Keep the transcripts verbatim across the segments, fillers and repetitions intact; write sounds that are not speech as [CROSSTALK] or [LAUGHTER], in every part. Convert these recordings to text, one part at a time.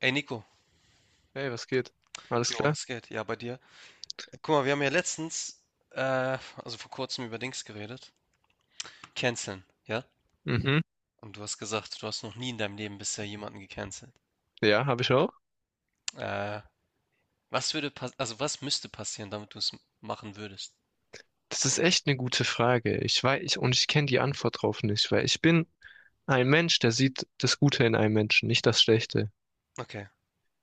Ey Nico, Hey, was geht? Alles jo, klar? was geht? Ja, bei dir. Äh, Guck mal, wir haben ja letztens, äh, also vor kurzem über Dings geredet. Canceln, ja? Mhm. Und du hast gesagt, du hast noch nie in deinem Leben bisher jemanden gecancelt. Ja, habe ich auch. Äh, was würde pass also was müsste passieren, damit du es machen würdest? Das ist echt eine gute Frage. Ich weiß, ich, und ich kenne die Antwort drauf nicht, weil ich bin ein Mensch, der sieht das Gute in einem Menschen, nicht das Schlechte. Okay,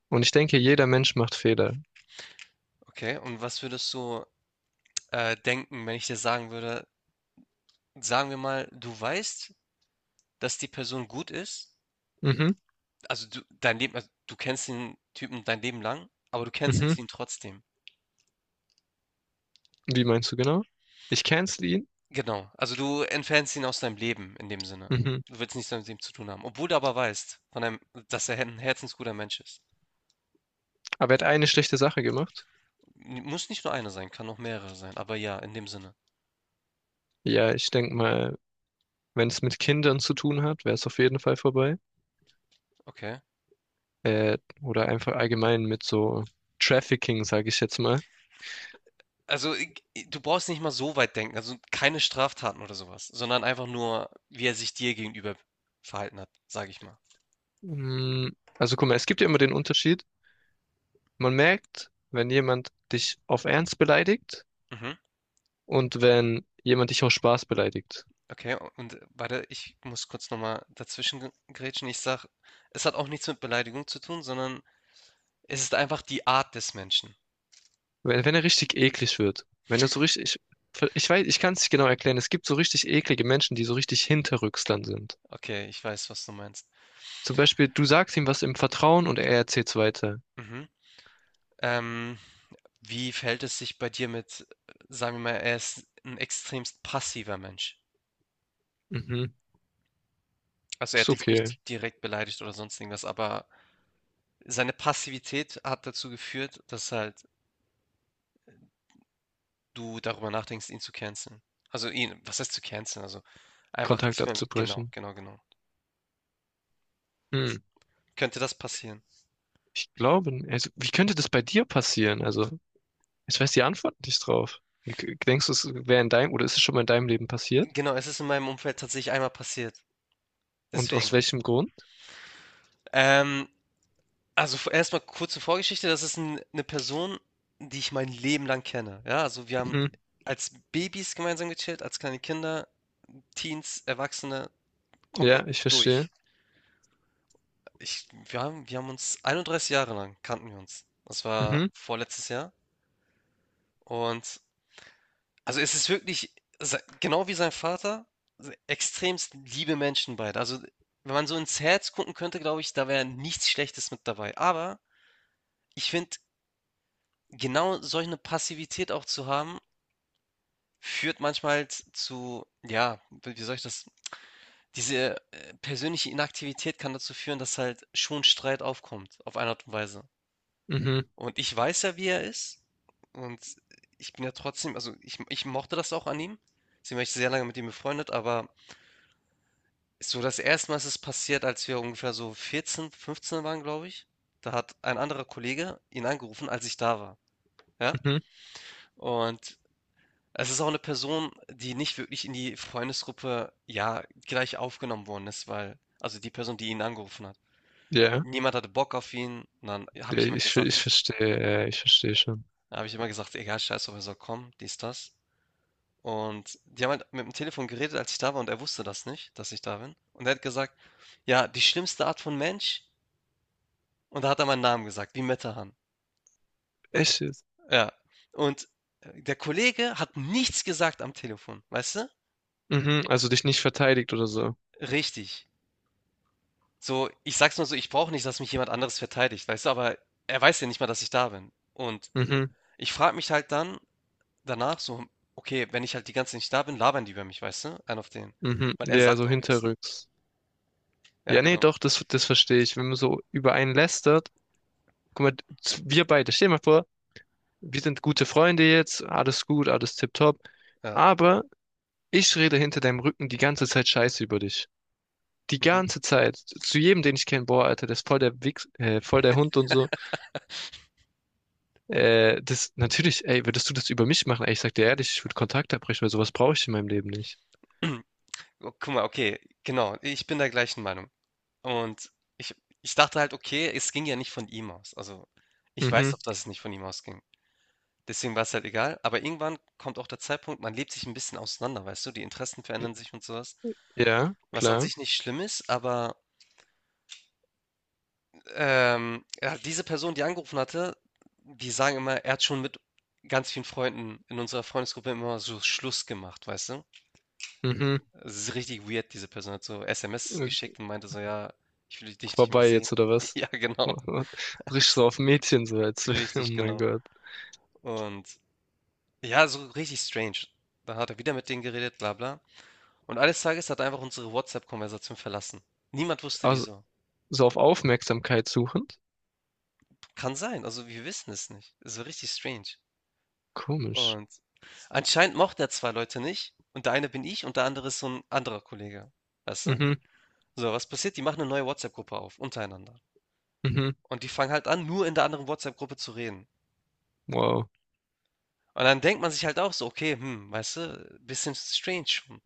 Und ich denke, jeder Mensch macht Fehler. okay. Und was würdest du äh, denken, wenn ich dir sagen würde, sagen wir mal, du weißt, dass die Person gut ist, Mhm. also du, dein Leben, also du kennst den Typen dein Leben lang, aber du Mhm. cancelst ihn trotzdem. Wie meinst du genau? Ich cancel ihn. Genau. Also, du entfernst ihn aus deinem Leben in dem Sinne. Mhm. Du willst nichts mehr mit ihm zu tun haben, obwohl du aber weißt von einem, dass er ein herzensguter Mensch ist. Aber er hat eine schlechte Sache gemacht. M Muss nicht nur einer sein, kann auch mehrere sein, aber ja, in dem Sinne. Ja, ich denke mal, wenn es mit Kindern zu tun hat, wäre es auf jeden Fall vorbei. Okay. Äh, oder einfach allgemein mit so Trafficking, sage ich jetzt mal. Also, i g du brauchst nicht mal so weit denken, also, keine Straftaten oder sowas, sondern einfach nur, wie er sich dir gegenüber verhalten hat, sage ich mal. Mm, Also guck mal, es gibt ja immer den Unterschied. Man merkt, wenn jemand dich auf Ernst beleidigt Mhm. und wenn jemand dich aus Spaß beleidigt. Okay, und äh, warte, ich muss kurz noch mal dazwischen ge grätschen. Ich sage, es hat auch nichts mit Beleidigung zu tun, sondern es ist einfach die Art des Menschen. Wenn, wenn er richtig eklig wird. Wenn er so richtig, ich, ich weiß, ich kann es nicht genau erklären. Es gibt so richtig eklige Menschen, die so richtig hinterrücks dann sind. Okay, ich weiß, was du meinst. Zum Beispiel, du sagst ihm was im Vertrauen und er erzählt's weiter. Mhm. Ähm, wie verhält es sich bei dir mit, äh, sagen wir mal, er ist ein extremst passiver Mensch. Mhm, Also er ist hat dich okay, nicht direkt beleidigt oder sonst irgendwas, aber seine Passivität hat dazu geführt, dass halt du darüber nachdenkst, ihn zu canceln. Also ihn, was heißt zu canceln? Also einfach Kontakt nicht mehr mit, genau, abzubrechen. genau, genau. Hm, Könnte das passieren? ich glaube, n- also, wie könnte das bei dir passieren? Also, ich weiß die Antwort nicht drauf. Wie, k- denkst du, es wäre in deinem, oder ist es schon mal in deinem Leben passiert? Genau, es ist in meinem Umfeld tatsächlich einmal passiert. Und Deswegen. aus welchem Grund? Ähm, Also, v erst kurze Vorgeschichte. Das ist 'n 'ne Person, die ich mein Leben lang kenne. Ja, also, wir haben als Babys gemeinsam gechillt, als kleine Kinder, Teens, Erwachsene, komplett Ja, ich verstehe. durch. Ich wir haben wir haben uns einunddreißig Jahre lang kannten wir uns. Das war Mhm, vorletztes Jahr und also, es ist wirklich sei genau wie sein Vater, se extremst liebe Menschen beide. Also, wenn man so ins Herz gucken könnte, glaube ich, da wäre nichts Schlechtes mit dabei. Aber ich finde, genau solch eine Passivität auch zu haben führt manchmal z- zu, ja, wie wie soll ich das? Diese äh, persönliche Inaktivität kann dazu führen, dass halt schon Streit aufkommt, auf eine Art und Weise. mhm, Und ich weiß ja, wie er ist. Und ich bin ja trotzdem, also ich, ich mochte das auch an ihm. Sie war ich sehr lange mit ihm befreundet, aber so das erste Mal ist es passiert, als wir ungefähr so vierzehn, fünfzehn waren, glaube ich. Da hat ein anderer Kollege ihn angerufen, als ich da war. Ja? mhm. Und es ist auch eine Person, die nicht wirklich in die Freundesgruppe, ja, gleich aufgenommen worden ist, weil also die Person, die ihn angerufen hat. Ja, Niemand hatte Bock auf ihn und dann habe ja, ich immer ich, ver- ich gesagt verstehe, ja, ja, ich verstehe schon. habe ich immer gesagt: „Egal, scheiß drauf, er soll kommen“, dies, das. Und die haben halt mit dem Telefon geredet, als ich da war und er wusste das nicht, dass ich da bin. Und er hat gesagt: „Ja, die schlimmste Art von Mensch“, und da hat er meinen Namen gesagt, wie Metehan. Echt jetzt? Ja. Und, äh, der Kollege hat nichts gesagt am Telefon, weißt du? Mhm, also dich nicht verteidigt oder so. Richtig. So, ich sag's mal so, ich brauche nicht, dass mich jemand anderes verteidigt, weißt du, aber er weiß ja nicht mal, dass ich da bin. Und Mhm, ich frage mich halt dann danach so, okay, wenn ich halt die ganze Zeit nicht da bin, labern die über mich, weißt du? Einen auf den. mhm. Weil er Ja, sagt so auch nichts. hinterrücks. Ja, Ja, nee, genau. doch, das, das verstehe ich. Wenn man so über einen lästert, guck mal, z- wir beide, stell dir mal vor, wir sind gute Freunde jetzt, alles gut, alles tipptopp. Ja. Aber ich rede hinter deinem Rücken die ganze Zeit Scheiße über dich. Die Mhm. ganze Zeit. Zu jedem, den ich kenne, boah, Alter, das ist voll der Wichs, äh, voll der Hund und so. Äh, das, natürlich, ey, würdest du das über mich machen? Ey, ich sag dir ehrlich, ich würde Kontakt abbrechen, weil sowas brauche ich in meinem Leben nicht. [CLEARS THROAT] Oh, guck mal, okay, genau. Ich bin der gleichen Meinung. Und ich, ich dachte halt, okay, es ging ja nicht von ihm aus. Also, ich weiß Mhm. doch, dass es nicht von ihm ausging. Deswegen war es halt egal. Aber irgendwann kommt auch der Zeitpunkt, man lebt sich ein bisschen auseinander, weißt du? Die Interessen verändern sich und sowas. Ja, Was an klar. sich nicht schlimm ist, aber, ähm, ja, diese Person, die angerufen hatte, die sagen immer, er hat schon mit ganz vielen Freunden in unserer Freundesgruppe immer so Schluss gemacht, weißt du? Mhm. Es ist richtig weird, diese Person hat so S M S Äh, geschickt und meinte so, ja, ich will dich nicht mehr Vorbei sehen. jetzt, oder [LAUGHS] was? Ja, genau. [LAUGHS] Richtig so [LAUGHS] auf Mädchen, so als, [LAUGHS] oh Richtig, mein genau. Gott. Und ja, so richtig strange. Da hat er wieder mit denen geredet, bla bla. Und eines Tages hat er einfach unsere WhatsApp-Konversation verlassen. Niemand wusste Also, wieso. so auf Aufmerksamkeit suchend? Kann sein, also wir wissen es nicht. Es war richtig strange. Komisch. Und anscheinend mochte er zwei Leute nicht und der eine bin ich und der andere ist so ein anderer Kollege, weißt du? Mhm, So, was passiert? Die machen eine neue WhatsApp-Gruppe auf untereinander mhm. und die fangen halt an, nur in der anderen WhatsApp-Gruppe zu reden. Wow. Und dann denkt man sich halt auch so: „Okay, hm, weißt du, bisschen strange schon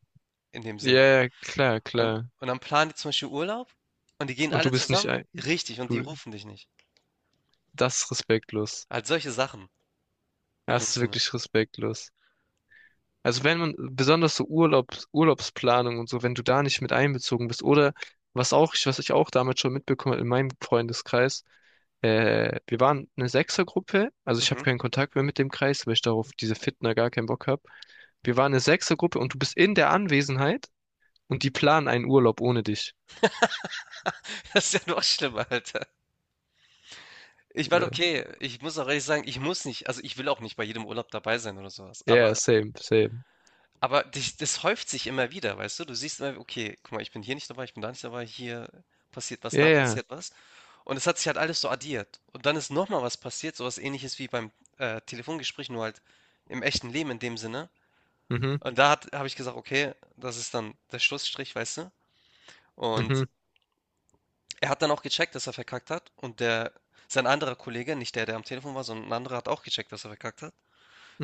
in dem Ja, Sinne.“ ja, klar, Und klar. und dann planen die zum Beispiel Urlaub und die gehen Und alle du bist nicht zusammen ein, richtig, und die du, rufen dich nicht. das ist respektlos. Halt solche Sachen in Das dem ist Sinne. wirklich respektlos. Also wenn man, besonders so Urlaubs, Urlaubsplanung und so, wenn du da nicht mit einbezogen bist, oder was auch, was ich auch damals schon mitbekommen habe in meinem Freundeskreis, äh, wir waren eine Sechsergruppe, also ich Mhm. habe keinen Kontakt mehr mit dem Kreis, weil ich darauf diese Fitner gar keinen Bock habe. Wir waren eine Sechsergruppe und du bist in der Anwesenheit und die planen einen Urlaub ohne dich. [LAUGHS] Das ist ja noch schlimmer, Alter. Ich war Oder, okay. Ich muss auch ehrlich sagen, ich muss nicht also, ich will auch nicht bei jedem Urlaub dabei sein oder sowas. Aber yeah, same, same. Aber dich das häuft sich immer wieder, weißt du? Du siehst immer, okay, guck mal, ich bin hier nicht dabei, ich bin da nicht dabei, hier passiert was, da Yeah, passiert was. Und es hat sich halt alles so addiert. Und dann ist noch mal was passiert, so was Ähnliches wie beim, äh, Telefongespräch, nur halt im echten Leben in dem Sinne. mhm, Und da habe ich gesagt: „Okay, das ist dann der Schlussstrich“, weißt du? Und mhm, er hat dann auch gecheckt, dass er verkackt hat und der sein anderer Kollege, nicht der, der am Telefon war, sondern ein anderer, hat auch gecheckt, dass er verkackt hat.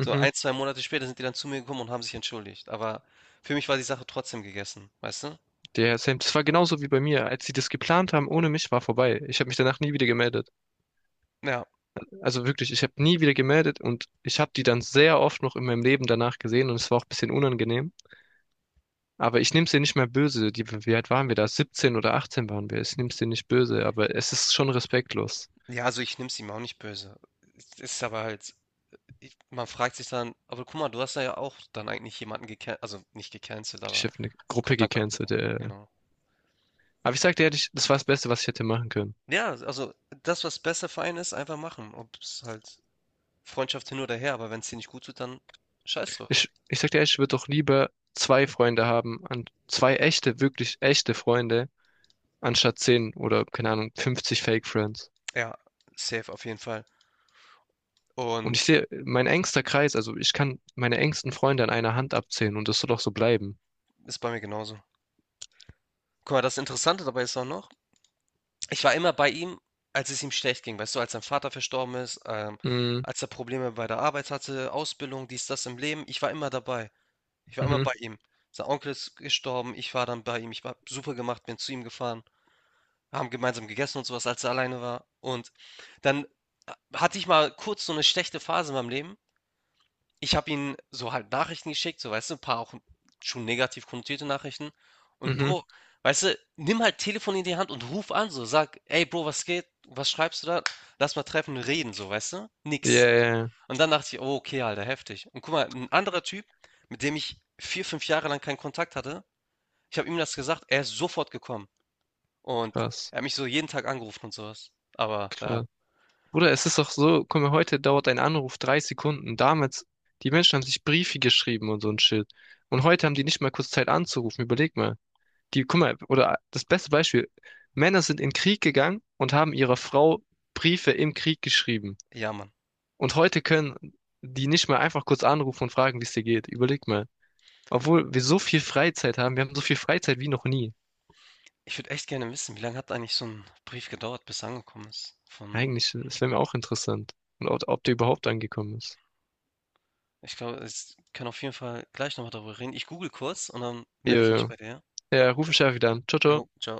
So ein zwei Monate später sind die dann zu mir gekommen und haben sich entschuldigt. Aber für mich war die Sache trotzdem gegessen, weißt du? Yeah, same. Das war genauso wie bei mir. Als sie das geplant haben, ohne mich war vorbei. Ich habe mich danach nie wieder gemeldet. Ja. Also wirklich, ich habe nie wieder gemeldet und ich habe die dann sehr oft noch in meinem Leben danach gesehen und es war auch ein bisschen unangenehm. Aber ich nehme es ihr nicht mehr böse. Die, wie alt waren wir da? siebzehn oder achtzehn waren wir. Ich nehme es dir nicht böse, aber es ist schon respektlos. Ja, also ich nehme es ihm auch nicht böse. Es ist aber halt, ich, man fragt sich dann, aber guck mal, du hast da ja auch dann eigentlich jemanden gecancelt, also nicht gecancelt, Ich aber habe eine Gruppe Kontakt gecancelt. abgebrochen. Äh. Genau. Aber ich sag dir ehrlich, das war das Beste, was ich hätte machen können. Ja, also das, was besser für einen ist, einfach machen. Ob es halt Freundschaft hin oder her, aber wenn es dir nicht gut tut, dann scheiß drauf. Ich, ich sag dir ehrlich, ich würde doch lieber zwei Freunde haben, an zwei echte, wirklich echte Freunde, anstatt zehn oder, keine Ahnung, fünfzig Fake Friends. Ja, safe auf jeden Fall. Und ich Und sehe, mein engster Kreis, also ich kann meine engsten Freunde an einer Hand abzählen und das soll auch so bleiben. ist bei mir genauso. Guck mal, das Interessante dabei ist auch noch, ich war immer bei ihm, als es ihm schlecht ging, weißt du, als sein Vater verstorben ist, ähm, Mhm, als er Probleme bei der Arbeit hatte, Ausbildung, dies, das im Leben. Ich war immer dabei. Ich war immer mhm, bei ihm. Sein Onkel ist gestorben, ich war dann bei ihm. Ich habe super gemacht, bin zu ihm gefahren. Wir haben gemeinsam gegessen und sowas, als er alleine war. Und dann äh, hatte ich mal kurz so eine schlechte Phase in meinem Leben. Ich habe ihm so halt Nachrichten geschickt, so, weißt du, ein paar auch schon negativ konnotierte Nachrichten. Und mhm. Bro, weißt du, nimm halt Telefon in die Hand und ruf an, so, sag: „Ey Bro, was geht? Was schreibst du da? Lass mal treffen und reden“, so, weißt du? Ja, Nix. ja, ja. Und dann dachte ich: „Oh, okay, Alter, heftig.“ Und guck mal, ein anderer Typ, mit dem ich vier, fünf Jahre lang keinen Kontakt hatte, ich habe ihm das gesagt, er ist sofort gekommen. Und Krass, er hat mich so jeden Tag angerufen und sowas. Aber ja, krass. Bruder, es ist doch so, guck mal, heute dauert ein Anruf drei Sekunden. Damals, die Menschen haben sich Briefe geschrieben und so ein Shit. Und heute haben die nicht mal kurz Zeit anzurufen. Überleg mal. Die, guck mal, oder das beste Beispiel, Männer sind in den Krieg gegangen und haben ihrer Frau Briefe im Krieg geschrieben. ja, Mann. Und heute können die nicht mal einfach kurz anrufen und fragen, wie es dir geht. Überleg mal. Obwohl wir so viel Freizeit haben, wir haben so viel Freizeit wie noch nie. Ich würde echt gerne wissen, wie lange hat eigentlich so ein Brief gedauert, bis er angekommen ist von. Eigentlich, das wäre mir auch interessant. Und ob, ob der überhaupt angekommen ist. Ich glaube, ich kann auf jeden Fall gleich nochmal darüber reden. Ich google kurz und dann Ja, melde ich mich ja, bei dir. ja, ruf mich einfach wieder an. Ciao, ciao. Jo, ciao.